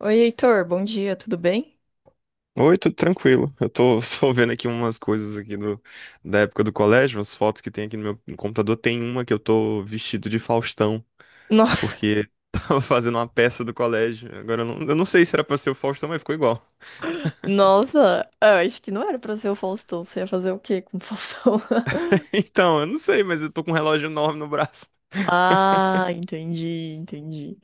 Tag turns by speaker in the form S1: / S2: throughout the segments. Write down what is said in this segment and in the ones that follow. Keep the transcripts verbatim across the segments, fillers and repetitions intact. S1: Oi, Heitor, bom dia, tudo bem?
S2: Oi, tudo tranquilo. Eu tô, tô vendo aqui umas coisas aqui do, da época do colégio, umas fotos que tem aqui no meu no computador. Tem uma que eu tô vestido de Faustão,
S1: Nossa,
S2: porque tava fazendo uma peça do colégio. Agora eu não, eu não sei se era pra ser o Faustão, mas ficou igual.
S1: nossa, é, eu acho que não era pra ser o Faustão. Você ia fazer o quê com o Faustão?
S2: Então, eu não sei, mas eu tô com um relógio enorme no braço.
S1: Ah, entendi, entendi.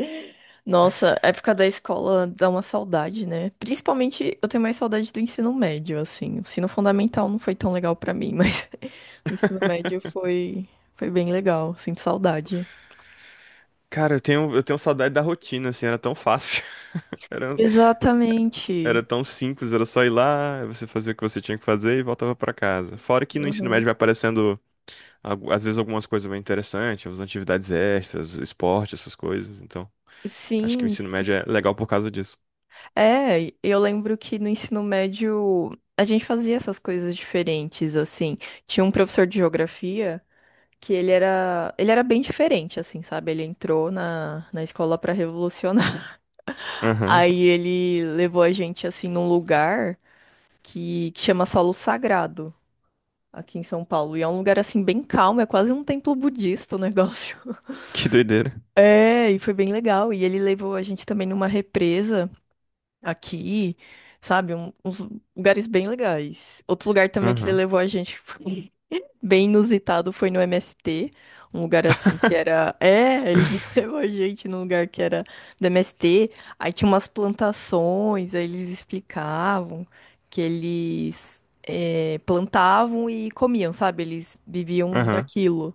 S1: Nossa, a época da escola dá uma saudade, né? Principalmente eu tenho mais saudade do ensino médio, assim. O ensino fundamental não foi tão legal pra mim, mas o ensino médio foi, foi bem legal. Sinto saudade.
S2: Cara, eu tenho, eu tenho saudade da rotina, assim, era tão fácil. Era, era
S1: Exatamente.
S2: tão simples, era só ir lá, você fazia o que você tinha que fazer e voltava pra casa. Fora que no ensino médio
S1: Uhum.
S2: vai aparecendo. Algu- Às vezes algumas coisas bem interessantes, umas atividades extras, esporte, essas coisas. Então, acho que o
S1: Sim,
S2: ensino
S1: sim.
S2: médio é legal por causa disso.
S1: É, eu lembro que no ensino médio a gente fazia essas coisas diferentes, assim. Tinha um professor de geografia que ele era, ele era bem diferente, assim, sabe? Ele entrou na, na escola para revolucionar.
S2: Aham.
S1: Aí ele levou a gente, assim, num lugar que, que chama Solo Sagrado, aqui em São Paulo. E é um lugar, assim, bem calmo, é quase um templo budista o negócio.
S2: Que doideira.
S1: É, e foi bem legal. E ele levou a gente também numa represa aqui, sabe? Um- uns lugares bem legais. Outro lugar também que ele
S2: Aham.
S1: levou a gente que foi bem inusitado foi no M S T. Um lugar assim que era. É, ele levou a gente num lugar que era do M S T. Aí tinha umas plantações, aí eles explicavam que eles é, plantavam e comiam, sabe? Eles viviam
S2: Aham.
S1: daquilo.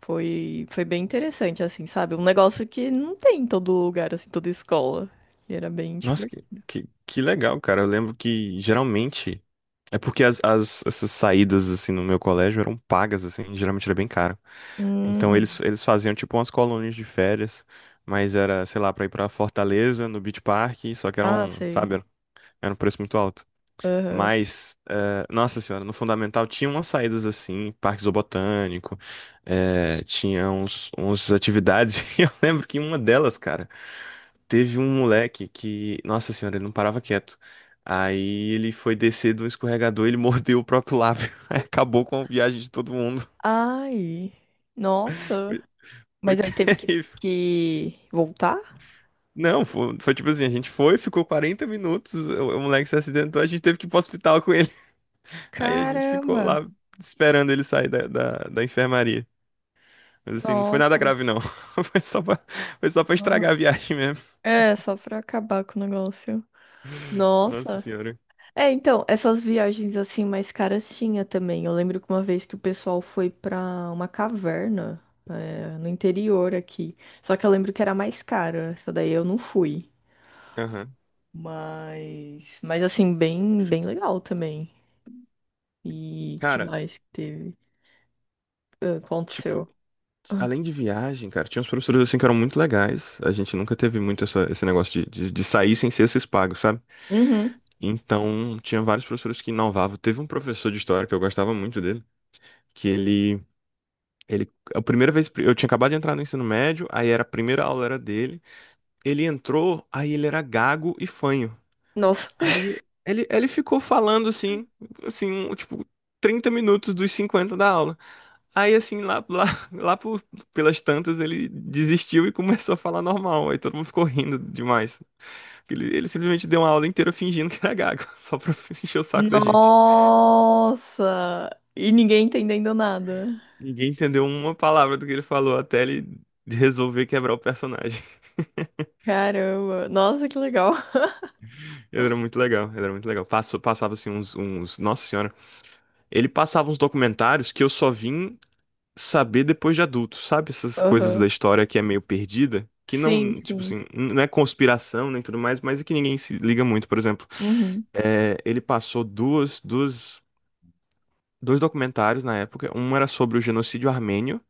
S1: Foi, foi bem interessante, assim, sabe? Um negócio que não tem em todo lugar, assim, toda escola. Ele era bem.
S2: Nossa, que, que, que legal, cara. Eu lembro que geralmente. É porque as, as- essas saídas, assim, no meu colégio eram pagas, assim, geralmente era bem caro. Então
S1: Hum,
S2: eles, eles faziam, tipo, umas colônias de férias, mas era, sei lá, pra ir pra Fortaleza, no Beach Park, só que
S1: ah,
S2: eram,
S1: sei.
S2: sabe, era um preço muito alto.
S1: Aham.
S2: Mas, eh, nossa senhora, no fundamental tinha umas saídas assim, parque zoobotânico, eh, tinha uns, uns atividades, e eu lembro que em uma delas, cara, teve um moleque que, nossa senhora, ele não parava quieto. Aí ele foi descer do escorregador, ele mordeu o próprio lábio. Aí acabou com a viagem de todo mundo.
S1: Ai, nossa.
S2: Foi, foi
S1: Mas aí teve que,
S2: terrível.
S1: que voltar?
S2: Não, foi, foi tipo assim, a gente foi, ficou quarenta minutos, o, o moleque se acidentou, a gente teve que ir pro hospital com ele. Aí a gente ficou
S1: Caramba,
S2: lá esperando ele sair da, da, da enfermaria. Mas assim, não foi nada
S1: nossa.
S2: grave, não. Foi só pra, Foi só pra
S1: Aham.
S2: estragar a viagem mesmo.
S1: É, só pra acabar com o negócio.
S2: Nossa
S1: Nossa.
S2: senhora.
S1: É, então, essas viagens assim mais caras tinha também. Eu lembro que uma vez que o pessoal foi pra uma caverna, é, no interior aqui. Só que eu lembro que era mais cara. Essa daí eu não fui.
S2: Aham.
S1: Mas, mas assim, bem, bem legal também. E que
S2: Cara,
S1: mais que teve? Ah,
S2: tipo,
S1: aconteceu.
S2: além de viagem, cara, tinha uns professores assim que eram muito legais. A gente nunca teve muito essa- esse negócio de, de, de sair sem ser esses pagos, sabe?
S1: Uhum.
S2: Então, tinha vários professores que inovavam. Teve um professor de história que eu gostava muito dele, que ele. Ele, a primeira vez, eu tinha acabado de entrar no ensino médio, aí era a primeira aula era dele. Ele entrou, aí ele era gago e fanho.
S1: Nossa.
S2: Aí ele, ele ficou falando assim, assim, um, tipo, trinta minutos dos cinquenta da aula. Aí assim, lá, lá, lá por- pelas tantas, ele desistiu e começou a falar normal. Aí todo mundo ficou rindo demais. Ele, ele simplesmente deu uma aula inteira fingindo que era gago, só pra encher o saco da gente.
S1: Nossa! E ninguém entendendo nada.
S2: Ninguém entendeu uma palavra do que ele falou até ele resolver quebrar o personagem.
S1: Caramba. Nossa, que legal.
S2: Ele era muito legal, ele era muito legal. Passou, passava assim uns, uns. Nossa senhora. Ele passava uns documentários que eu só vim saber depois de adulto, sabe? Essas coisas
S1: Aham.
S2: da história que é meio perdida, que
S1: Sim,
S2: não, tipo
S1: sim.
S2: assim, não é conspiração nem tudo mais, mas é que ninguém se liga muito, por exemplo.
S1: Uhum.
S2: É, ele passou duas, duas, dois documentários na época. Um era sobre o genocídio armênio,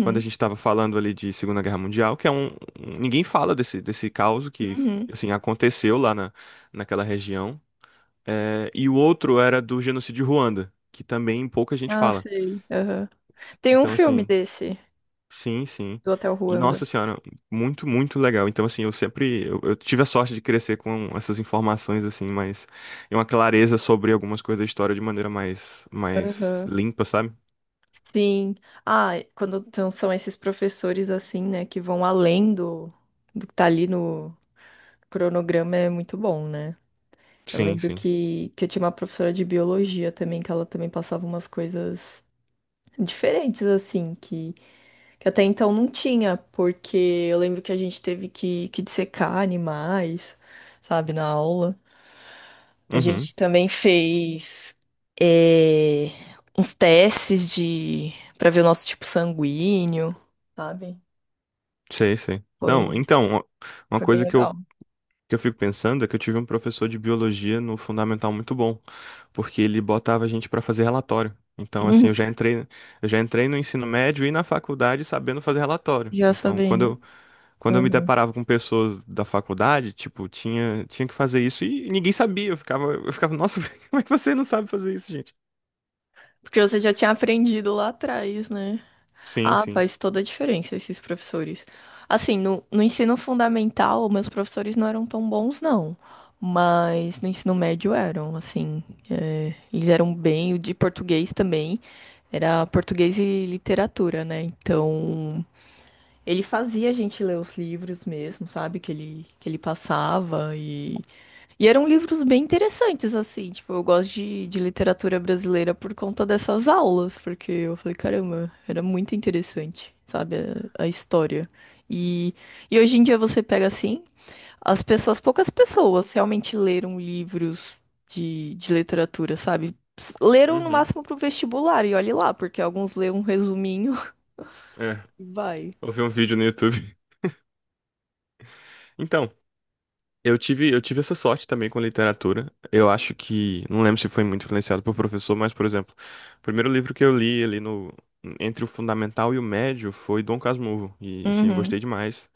S2: quando a gente estava falando ali de Segunda Guerra Mundial, que é um, um- ninguém fala desse desse caos que
S1: Uhum.
S2: assim aconteceu lá na, naquela região. É, e o outro era do genocídio Ruanda, que também pouca gente
S1: Ah,
S2: fala.
S1: sei. Aham. Tem um
S2: Então,
S1: filme
S2: assim,
S1: desse,
S2: sim, sim.
S1: do Hotel
S2: E
S1: Ruanda.
S2: nossa senhora, muito, muito legal. Então, assim, eu sempre, eu, eu tive a sorte de crescer com essas informações, assim, mas e uma clareza sobre algumas coisas da história de maneira mais, mais
S1: Aham.
S2: limpa, sabe?
S1: Sim. Ah, quando então são esses professores assim, né, que vão além do, do que tá ali no cronograma, é muito bom, né? Eu
S2: Sim,
S1: lembro
S2: sim.
S1: que, que eu tinha uma professora de biologia também, que ela também passava umas coisas diferentes, assim, que, que até então não tinha, porque eu lembro que a gente teve que, que dissecar animais, sabe, na aula. A
S2: Uhum,
S1: gente também fez eh, uns testes de para ver o nosso tipo sanguíneo, sabe?
S2: sei, sei. Não,
S1: Foi,
S2: então, uma uma
S1: foi bem
S2: coisa que eu,
S1: legal.
S2: que eu fico pensando é que eu tive um professor de biologia no fundamental muito bom, porque ele botava a gente pra fazer relatório. Então, assim,
S1: Uhum.
S2: eu já entrei, eu já entrei no ensino médio e na faculdade sabendo fazer relatório.
S1: Já
S2: Então,
S1: sabendo.
S2: quando quando eu me
S1: Uhum.
S2: deparava com pessoas da faculdade, tipo, tinha, tinha que fazer isso e ninguém sabia. Eu ficava, eu ficava, nossa, como é que você não sabe fazer isso, gente?
S1: Porque você já tinha aprendido lá atrás, né?
S2: Sim,
S1: Ah,
S2: sim.
S1: faz toda a diferença esses professores. Assim, no, no ensino fundamental, meus professores não eram tão bons, não. Mas no ensino médio eram, assim. É, eles eram bem, o de português também. Era português e literatura, né? Então, ele fazia a gente ler os livros mesmo, sabe? Que ele, que ele passava e eram livros bem interessantes, assim. Tipo, eu gosto de, de literatura brasileira por conta dessas aulas, porque eu falei, caramba, era muito interessante, sabe, a, a história. E, e hoje em dia você pega assim, as pessoas, poucas pessoas realmente leram livros de, de literatura, sabe? Leram no
S2: Uhum.
S1: máximo pro vestibular, e olhe lá, porque alguns lêem um resuminho
S2: É,
S1: e vai.
S2: eu vi um vídeo no YouTube. Então, eu tive, eu tive essa sorte também com literatura. Eu acho que, não lembro se foi muito influenciado por professor, mas, por exemplo, o primeiro livro que eu li ali no, entre o fundamental e o médio foi Dom Casmurro. E, assim, eu
S1: Uhum.
S2: gostei demais.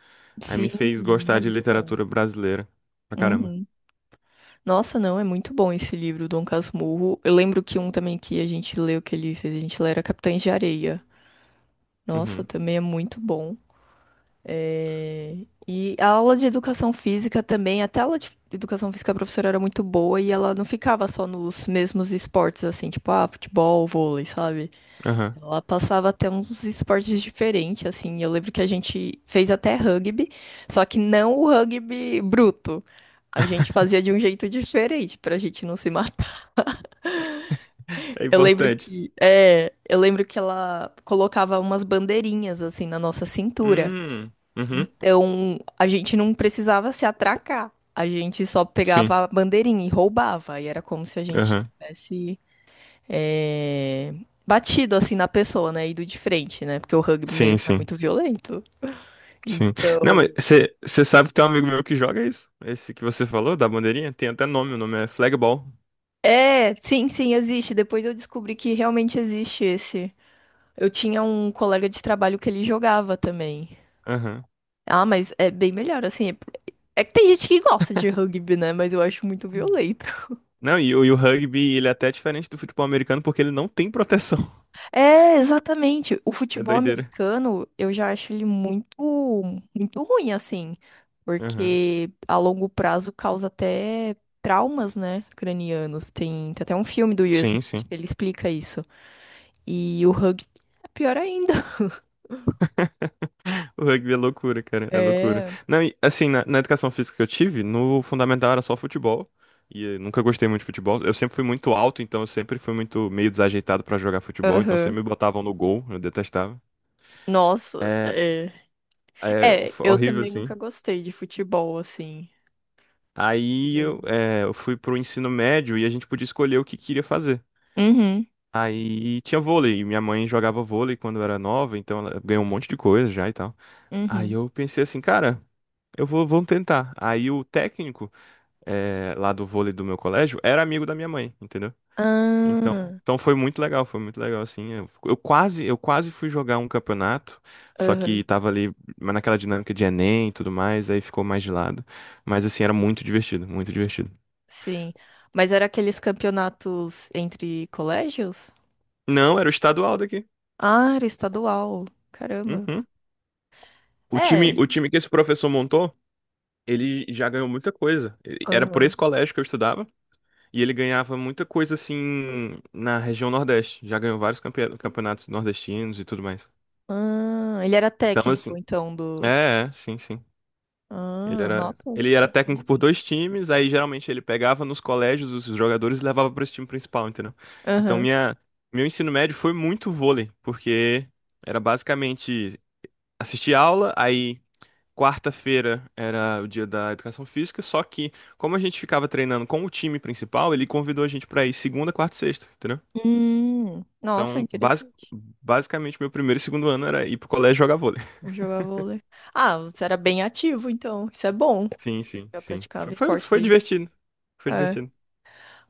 S2: Aí
S1: Sim,
S2: me fez gostar
S1: é
S2: de
S1: muito bom.
S2: literatura brasileira pra caramba.
S1: Uhum. Nossa, não, é muito bom esse livro, Dom Casmurro. Eu lembro que um também que a gente leu, que ele fez, a gente lê, era Capitães de Areia. Nossa,
S2: Uhum.
S1: também é muito bom. É, e a aula de educação física também, até a aula de educação física, a professora era muito boa e ela não ficava só nos mesmos esportes, assim, tipo, ah, futebol, vôlei, sabe?
S2: Aham.
S1: Ela passava até uns esportes diferentes, assim. Eu lembro que a gente fez até rugby, só que não o rugby bruto. A gente fazia de um jeito diferente, pra gente não se matar.
S2: É
S1: Eu lembro
S2: importante.
S1: que, é, eu lembro que ela colocava umas bandeirinhas assim na nossa cintura.
S2: Hum, uhum,
S1: Então, a gente não precisava se atracar. A gente só
S2: sim,
S1: pegava a bandeirinha e roubava. E era como se a gente
S2: aham.
S1: tivesse, é, batido assim na pessoa, né? Ido de frente, né? Porque o rugby
S2: Sim,
S1: mesmo é
S2: sim,
S1: muito violento.
S2: sim. Não, mas
S1: Então,
S2: você sabe que tem um amigo meu que joga isso? Esse que você falou, da bandeirinha? Tem até nome, o nome é Flagball.
S1: é, sim, sim, existe. Depois eu descobri que realmente existe esse. Eu tinha um colega de trabalho que ele jogava também.
S2: Aham.
S1: Ah, mas é bem melhor, assim. É É que tem gente que gosta de rugby, né? Mas eu acho muito violento.
S2: Não, e, o e o rugby, ele é até diferente do futebol americano porque ele não tem proteção.
S1: É, exatamente. O
S2: É
S1: futebol
S2: doideira.
S1: americano, eu já acho ele muito, muito ruim, assim.
S2: Aham.
S1: Porque a longo prazo causa até traumas, né? Cranianos. Tem, tem até um filme do Will
S2: Sim,
S1: Smith
S2: sim.
S1: que ele explica isso. E o rugby é pior ainda.
S2: O rugby é loucura, cara, é loucura.
S1: É.
S2: Não, e, assim, na, na educação física que eu tive, no fundamental era só futebol. E eu nunca gostei muito de futebol. Eu sempre fui muito alto, então eu sempre fui muito meio desajeitado pra jogar futebol, então
S1: Aham.
S2: sempre me botavam no gol, eu detestava.
S1: Nossa,
S2: É,
S1: é.
S2: é
S1: É,
S2: foi
S1: eu
S2: horrível,
S1: também nunca
S2: assim.
S1: gostei de futebol, assim.
S2: Aí
S1: Eu-
S2: eu, é, eu fui pro ensino médio e a gente podia escolher o que queria fazer.
S1: Uhum,
S2: Aí tinha vôlei, e minha mãe jogava vôlei quando eu era nova, então ela ganhou um monte de coisa já e tal. Aí
S1: uhum.
S2: eu pensei assim, cara, eu vou, vou tentar. Aí o técnico eh, lá do vôlei do meu colégio era amigo da minha mãe, entendeu? Então,
S1: Ah,
S2: então foi muito legal, foi muito legal assim. Eu, eu quase, eu quase fui jogar um campeonato, só
S1: aham.
S2: que tava ali mas naquela dinâmica de Enem e tudo mais, aí ficou mais de lado. Mas assim, era muito divertido, muito divertido.
S1: Sim. Mas era aqueles campeonatos entre colégios?
S2: Não, era o estadual daqui.
S1: Ah, era estadual. Caramba.
S2: Uhum. O time,
S1: É.
S2: o time que esse professor montou, ele já ganhou muita coisa. Ele- Era por
S1: Aham.
S2: esse colégio que eu estudava e ele ganhava muita coisa assim na região Nordeste. Já ganhou vários campe- campeonatos nordestinos e tudo mais.
S1: Ah, ele era
S2: Então,
S1: técnico,
S2: assim,
S1: então, do.
S2: é, é, sim, sim. Ele
S1: Ah,
S2: era,
S1: nossa, que
S2: ele era técnico por
S1: interessante.
S2: dois times, aí geralmente ele pegava nos colégios os jogadores e levava para esse time principal, entendeu? Então
S1: Aham.
S2: minha, meu ensino médio foi muito vôlei, porque era basicamente assistir aula, aí quarta-feira era o dia da educação física, só que como a gente ficava treinando com o time principal, ele convidou a gente para ir segunda, quarta e sexta, entendeu?
S1: Hum, nossa,
S2: Então, basi-
S1: interessante.
S2: basicamente meu primeiro e segundo ano era ir pro colégio jogar vôlei.
S1: Jogar vôlei. Ah, você era bem ativo, então. Isso é bom.
S2: Sim, sim,
S1: Já
S2: sim. Foi,
S1: praticava
S2: foi,
S1: esporte
S2: foi
S1: desde.
S2: divertido. Foi
S1: É.
S2: divertido.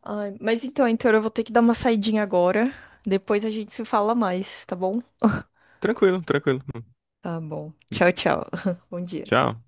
S1: Ai, mas então, Heitor, eu vou ter que dar uma saidinha agora. Depois a gente se fala mais, tá bom?
S2: Tranquilo, tranquilo.
S1: Tá bom. Tchau, tchau. Bom dia.
S2: Tchau.